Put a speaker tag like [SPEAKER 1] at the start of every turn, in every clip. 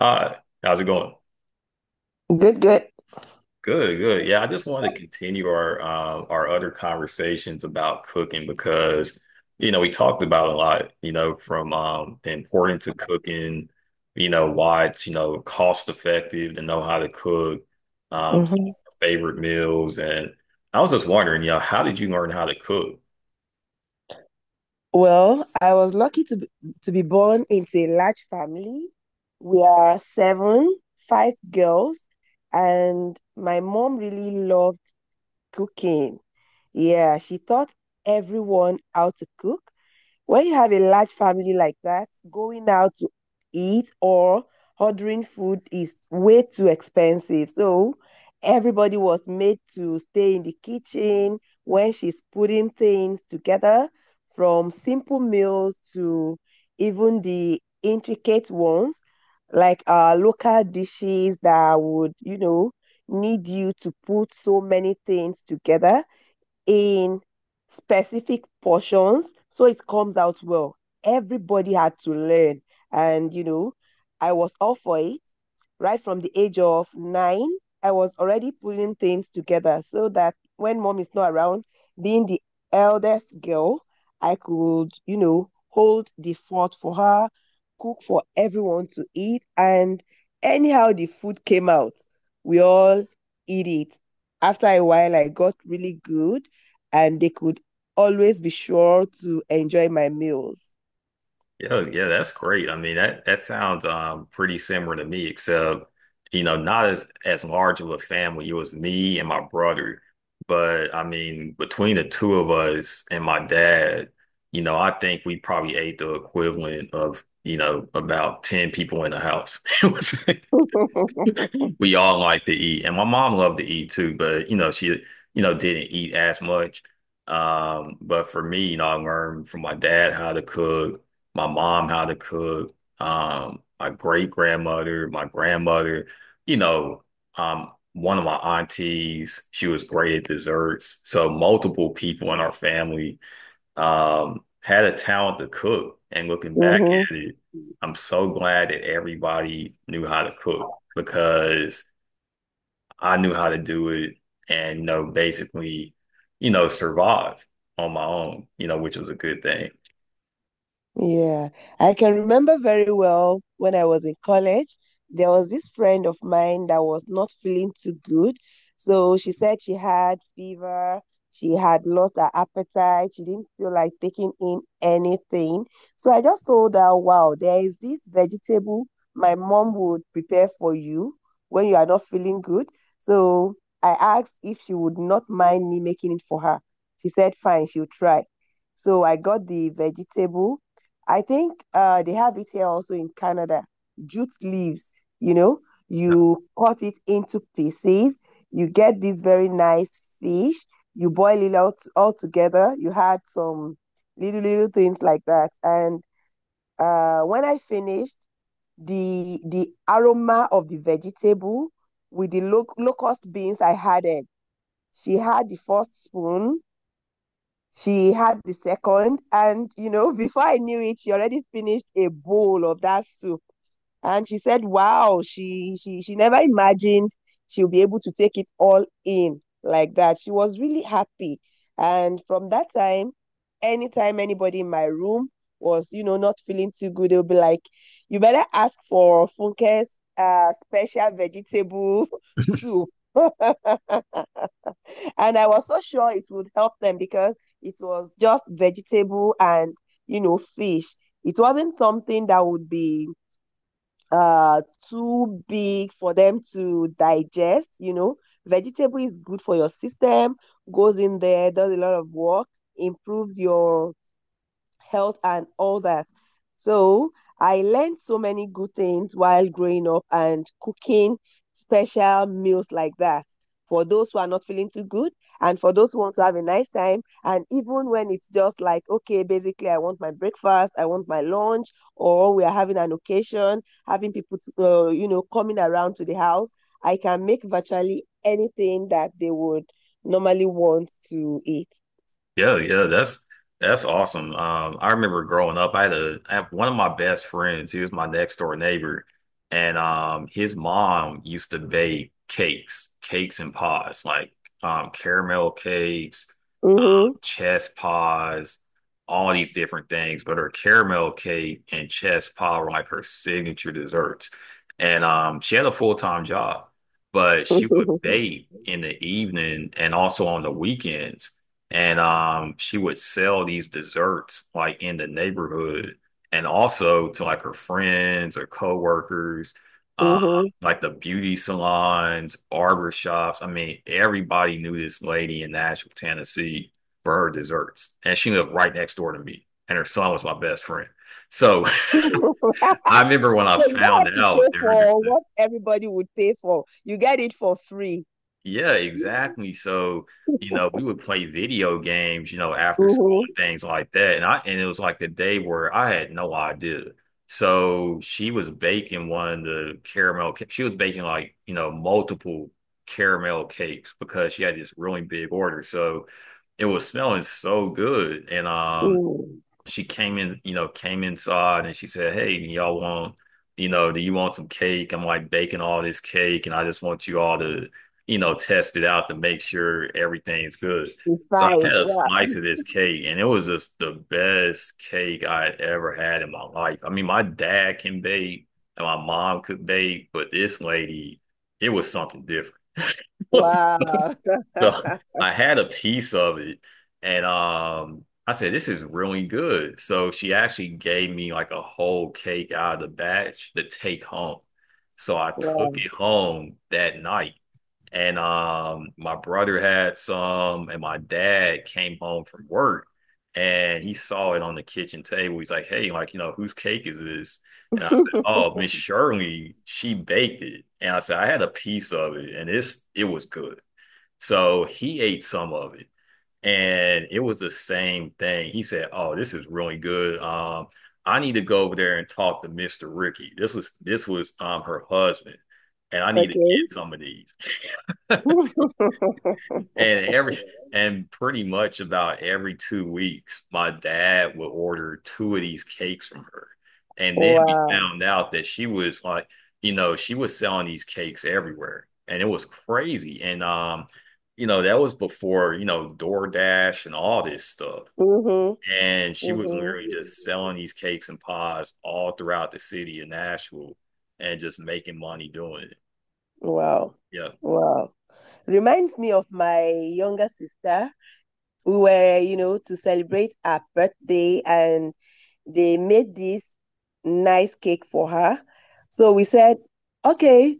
[SPEAKER 1] Hi, how's it going?
[SPEAKER 2] Good, good.
[SPEAKER 1] Good, good. Yeah, I just wanted to continue our other conversations about cooking because we talked about a lot, you know, from the importance of cooking, you know, why it's cost effective to know how to cook, some
[SPEAKER 2] hmm
[SPEAKER 1] of our favorite meals, and I was just wondering, you know, how did you learn how to cook?
[SPEAKER 2] Well, I was lucky to be born into a large family. We are seven, five girls, and my mom really loved cooking. Yeah, she taught everyone how to cook. When you have a large family like that, going out to eat or ordering food is way too expensive. So everybody was made to stay in the kitchen when she's putting things together, from simple meals to even the intricate ones, like local dishes that would, need you to put so many things together in specific portions so it comes out well. Everybody had to learn, and I was all for it right from the age of 9. I was already putting things together so that when mom is not around, being the eldest girl, I could, hold the fort for her, cook for everyone to eat. And anyhow, the food came out. We all eat it. After a while, I got really good and they could always be sure to enjoy my meals.
[SPEAKER 1] Yeah, yeah, that's great. I mean, that sounds pretty similar to me, except you know, not as large of a family. It was me and my brother, but I mean, between the two of us and my dad, you know, I think we probably ate the equivalent of about ten people in the house. We all like to eat, and my mom loved to eat too, but you know, she didn't eat as much. But for me, you know, I learned from my dad how to cook, my mom how to cook, my great grandmother, my grandmother, you know, one of my aunties, she was great at desserts. So multiple people in our family had a talent to cook. And looking back
[SPEAKER 2] Hmm.
[SPEAKER 1] at it, I'm so glad that everybody knew how to cook because I knew how to do it and, you know, basically, survive on my own, which was a good thing.
[SPEAKER 2] Yeah, I can remember very well when I was in college, there was this friend of mine that was not feeling too good. So she said she had fever, she had lost her appetite, she didn't feel like taking in anything. So I just told her, wow, there is this vegetable my mom would prepare for you when you are not feeling good. So I asked if she would not mind me making it for her. She said, fine, she'll try. So I got the vegetable. I think they have it here also in Canada. Jute leaves, you know, you cut it into pieces. You get this very nice fish. You boil it out all together. You had some little little things like that. And when I finished, the aroma of the vegetable with the locust beans I had it. She had the first spoon, she had the second, and before I knew it, she already finished a bowl of that soup. And she said, "Wow, she never imagined she'll be able to take it all in like that." She was really happy, and from that time, anytime anybody in my room was, not feeling too good, they'll be like, "You better ask for Funke's special vegetable soup." And I was so sure it would help them because it was just vegetable and fish. It wasn't something that would be uh too big for them to digest. Vegetable is good for your system, goes in there, does a lot of work, improves your health and all that. So I learned so many good things while growing up and cooking special meals like that for those who are not feeling too good and for those who want to have a nice time. And even when it's just like, okay, basically, I want my breakfast, I want my lunch, or we are having an occasion, having people, coming around to the house, I can make virtually anything that they would normally want to eat.
[SPEAKER 1] Yeah, yeah, that's awesome. I remember growing up, I had a I have one of my best friends. He was my next door neighbor, and his mom used to bake cakes, cakes and pies, like caramel cakes, um,
[SPEAKER 2] Mm-hmm.
[SPEAKER 1] chess pies, all these different things. But her caramel cake and chess pie were like her signature desserts, and she had a full-time job, but she would bake in the evening and also on the weekends and she would sell these desserts like in the neighborhood and also to like her friends or coworkers uh
[SPEAKER 2] Mm-hmm.
[SPEAKER 1] like the beauty salons, barber shops. I mean, everybody knew this lady in Nashville, Tennessee for her desserts, and she lived right next door to me and her son was my best friend, so
[SPEAKER 2] So
[SPEAKER 1] I remember when I
[SPEAKER 2] you don't
[SPEAKER 1] found
[SPEAKER 2] have to
[SPEAKER 1] out
[SPEAKER 2] pay
[SPEAKER 1] that her.
[SPEAKER 2] for what everybody would pay for. You get it for free.
[SPEAKER 1] Yeah, exactly. So, you know, we would play video games, you know, after school
[SPEAKER 2] Mhm.
[SPEAKER 1] and things like that. And it was like the day where I had no idea. So she was baking one of the caramel ca- she was baking like, you know, multiple caramel cakes because she had this really big order. So it was smelling so good. And
[SPEAKER 2] Mm.
[SPEAKER 1] she came in, you know, came inside and she said, Hey, y'all want, you know, do you want some cake? I'm like baking all this cake and I just want you all to, you know, test it out to make sure everything's good. So I
[SPEAKER 2] Fine.
[SPEAKER 1] had a
[SPEAKER 2] Wow.
[SPEAKER 1] slice of this cake and it was just the best cake I had ever had in my life. I mean, my dad can bake and my mom could bake, but this lady, it was something different. It was
[SPEAKER 2] Wow.
[SPEAKER 1] so I had a piece of it and I said, this is really good. So she actually gave me like a whole cake out of the batch to take home. So I took
[SPEAKER 2] Wow.
[SPEAKER 1] it home that night. And My brother had some and my dad came home from work and he saw it on the kitchen table. He's like, Hey, like, you know, whose cake is this? And I said, Oh, Miss Shirley, she baked it. And I said, I had a piece of it and it was good. So he ate some of it, and it was the same thing. He said, "Oh, this is really good. I need to go over there and talk to Mr. Ricky. This was her husband, and I need to get
[SPEAKER 2] Okay.
[SPEAKER 1] some of these." And every and pretty much about every two weeks, my dad would order two of these cakes from her. And then we
[SPEAKER 2] Wow.
[SPEAKER 1] found out that she was like, you know, she was selling these cakes everywhere. And it was crazy. And you know, that was before, you know, DoorDash and all this stuff.
[SPEAKER 2] Mhm.
[SPEAKER 1] And she was
[SPEAKER 2] Mhm.
[SPEAKER 1] literally just selling these cakes and pies all throughout the city of Nashville and just making money doing it.
[SPEAKER 2] Wow. Wow. Reminds me of my younger sister. We were, to celebrate her birthday and they made this nice cake for her. So we said, okay,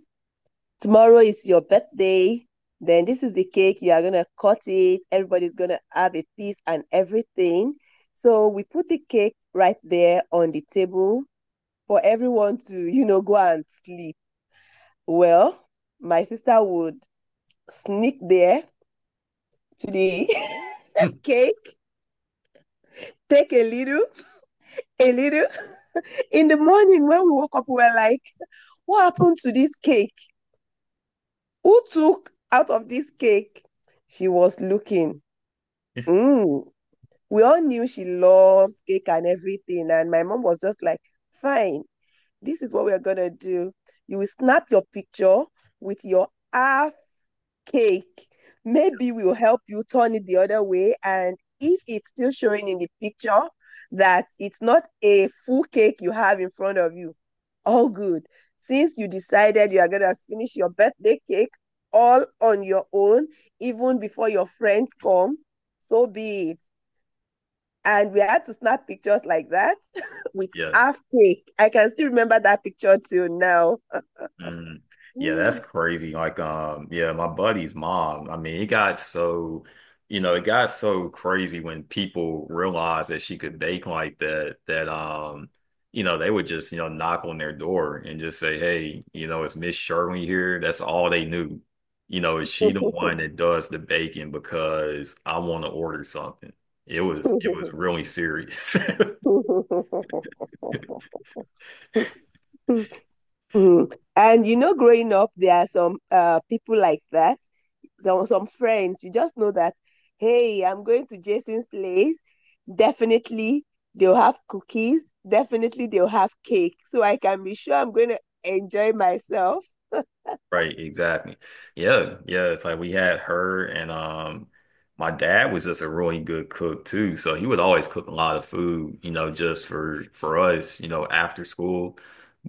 [SPEAKER 2] tomorrow is your birthday. Then this is the cake. You are going to cut it. Everybody's going to have a piece and everything. So we put the cake right there on the table for everyone to, go and sleep. Well, my sister would sneak there to the
[SPEAKER 1] Yeah.
[SPEAKER 2] cake, take a little, a little. In the morning when we woke up, we were like, what happened to this cake? Who took out of this cake? She was looking. Mm, we all knew she loves cake and everything. And my mom was just like, fine, this is what we're gonna do. You will snap your picture with your half cake. Maybe we'll help you turn it the other way. And if it's still showing in the picture that it's not a full cake you have in front of you, all good. Since you decided you are gonna finish your birthday cake all on your own, even before your friends come, so be it, and we had to snap pictures like that with
[SPEAKER 1] Yeah.
[SPEAKER 2] half cake. I can still remember that picture till now.
[SPEAKER 1] Mm. Yeah, that's crazy. Like, yeah, my buddy's mom, I mean, it got so, you know, it got so crazy when people realized that she could bake like that, that, you know, they would just, you know, knock on their door and just say, Hey, you know, it's Miss Shirley here. That's all they knew. You know, is she the one that does the baking because I want to order something? It was really serious.
[SPEAKER 2] And growing up, there are some people like that, some friends. You just know that, hey, I'm going to Jason's place. Definitely they'll have cookies. Definitely they'll have cake. So I can be sure I'm going to enjoy myself.
[SPEAKER 1] Right, exactly. Yeah, yeah. It's like we had her and my dad was just a really good cook too. So he would always cook a lot of food, you know, just for us, you know, after school.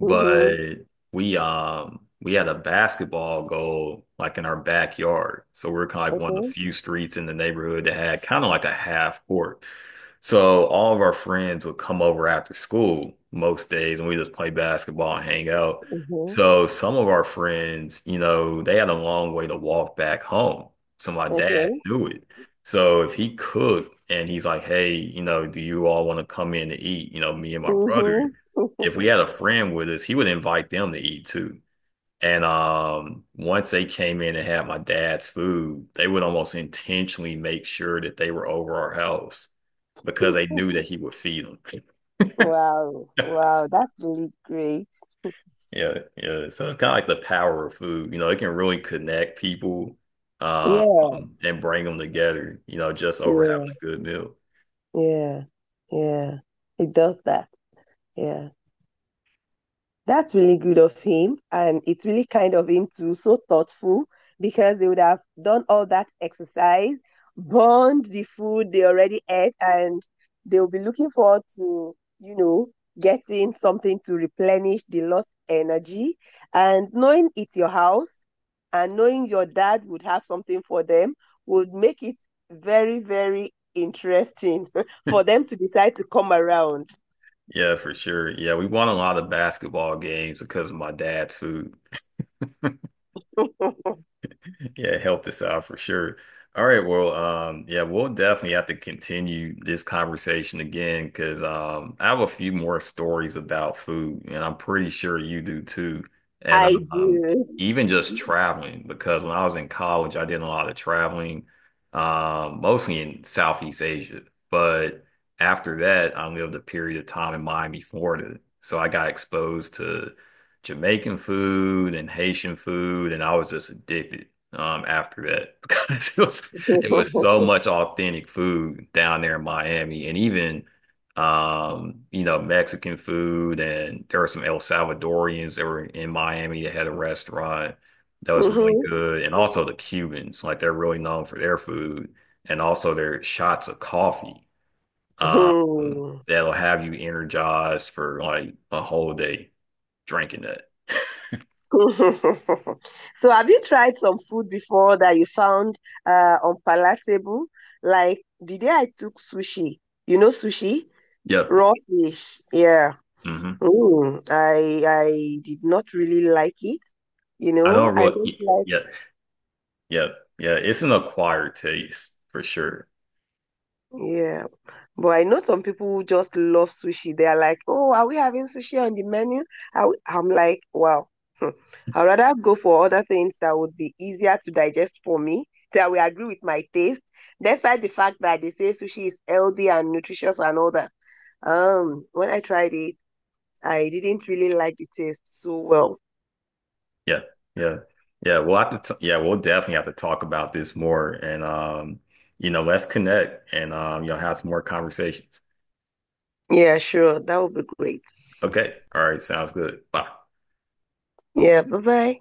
[SPEAKER 2] Mm-hmm.
[SPEAKER 1] we had a basketball goal like in our backyard. So we're kind of like one of the
[SPEAKER 2] Okay.
[SPEAKER 1] few streets in the neighborhood that had kind of like a half court. So all of our friends would come over after school most days and we just play basketball and hang out.
[SPEAKER 2] Mm-hmm.
[SPEAKER 1] So some of our friends, you know, they had a long way to walk back home. So my
[SPEAKER 2] Okay.
[SPEAKER 1] dad knew it. So if he cooked and he's like, hey, you know, do you all want to come in to eat? You know, me and my brother,
[SPEAKER 2] Mm-hmm.
[SPEAKER 1] if we had a friend with us, he would invite them to eat too. And Once they came in and had my dad's food, they would almost intentionally make sure that they were over our house because they knew that he would feed them.
[SPEAKER 2] Wow. Wow. That's really great.
[SPEAKER 1] Yeah, yeah. So it's kind of like the power of food. You know, it can really connect people
[SPEAKER 2] Yeah.
[SPEAKER 1] and bring them together, you know, just over having
[SPEAKER 2] Yeah.
[SPEAKER 1] a good meal.
[SPEAKER 2] Yeah. Yeah. He does that. Yeah. That's really good of him. And it's really kind of him too. So thoughtful, because they would have done all that exercise, burned the food they already ate, and they'll be looking forward to, getting something to replenish the lost energy. And knowing it's your house, and knowing your dad would have something for them would make it very, very interesting for them to decide to come around.
[SPEAKER 1] Yeah, for sure. Yeah, we won a lot of basketball games because of my dad's food. Yeah, it helped us out for sure. All right, well, yeah, we'll definitely have to continue this conversation again because I have a few more stories about food, and I'm pretty sure you do too. And
[SPEAKER 2] I do.
[SPEAKER 1] Even just traveling, because when I was in college, I did a lot of traveling, mostly in Southeast Asia. But after that, I lived a period of time in Miami, Florida, so I got exposed to Jamaican food and Haitian food, and I was just addicted after that because it was so much authentic food down there in Miami and even you know, Mexican food, and there were some El Salvadorians that were in Miami that had a restaurant that was really
[SPEAKER 2] Mhm.
[SPEAKER 1] good, and also the Cubans, like they're really known for their food and also their shots of coffee.
[SPEAKER 2] Hmm.
[SPEAKER 1] That'll have you energized for like a whole day drinking that.
[SPEAKER 2] So, have you tried some food before that you found unpalatable? Like the day I took sushi, sushi,
[SPEAKER 1] Yep.
[SPEAKER 2] raw fish. Yeah.
[SPEAKER 1] Hmm.
[SPEAKER 2] Mm. I did not really like it. You
[SPEAKER 1] I
[SPEAKER 2] know,
[SPEAKER 1] don't
[SPEAKER 2] I don't
[SPEAKER 1] really,
[SPEAKER 2] like.
[SPEAKER 1] yeah. Yeah, yeah, it's an acquired taste for sure.
[SPEAKER 2] Yeah. But I know some people who just love sushi. They are like, oh, are we having sushi on the menu? I'm like, wow, hmm. I'd rather go for other things that would be easier to digest for me, that will agree with my taste, despite the fact that they say sushi is healthy and nutritious and all that. When I tried it, I didn't really like the taste so well.
[SPEAKER 1] Yeah, yeah, yeah. We'll have to, t Yeah, we'll definitely have to talk about this more, and you know, let's connect and you know, have some more conversations.
[SPEAKER 2] Yeah, sure, that would be great.
[SPEAKER 1] Okay, all right, sounds good. Bye.
[SPEAKER 2] Yeah, bye bye.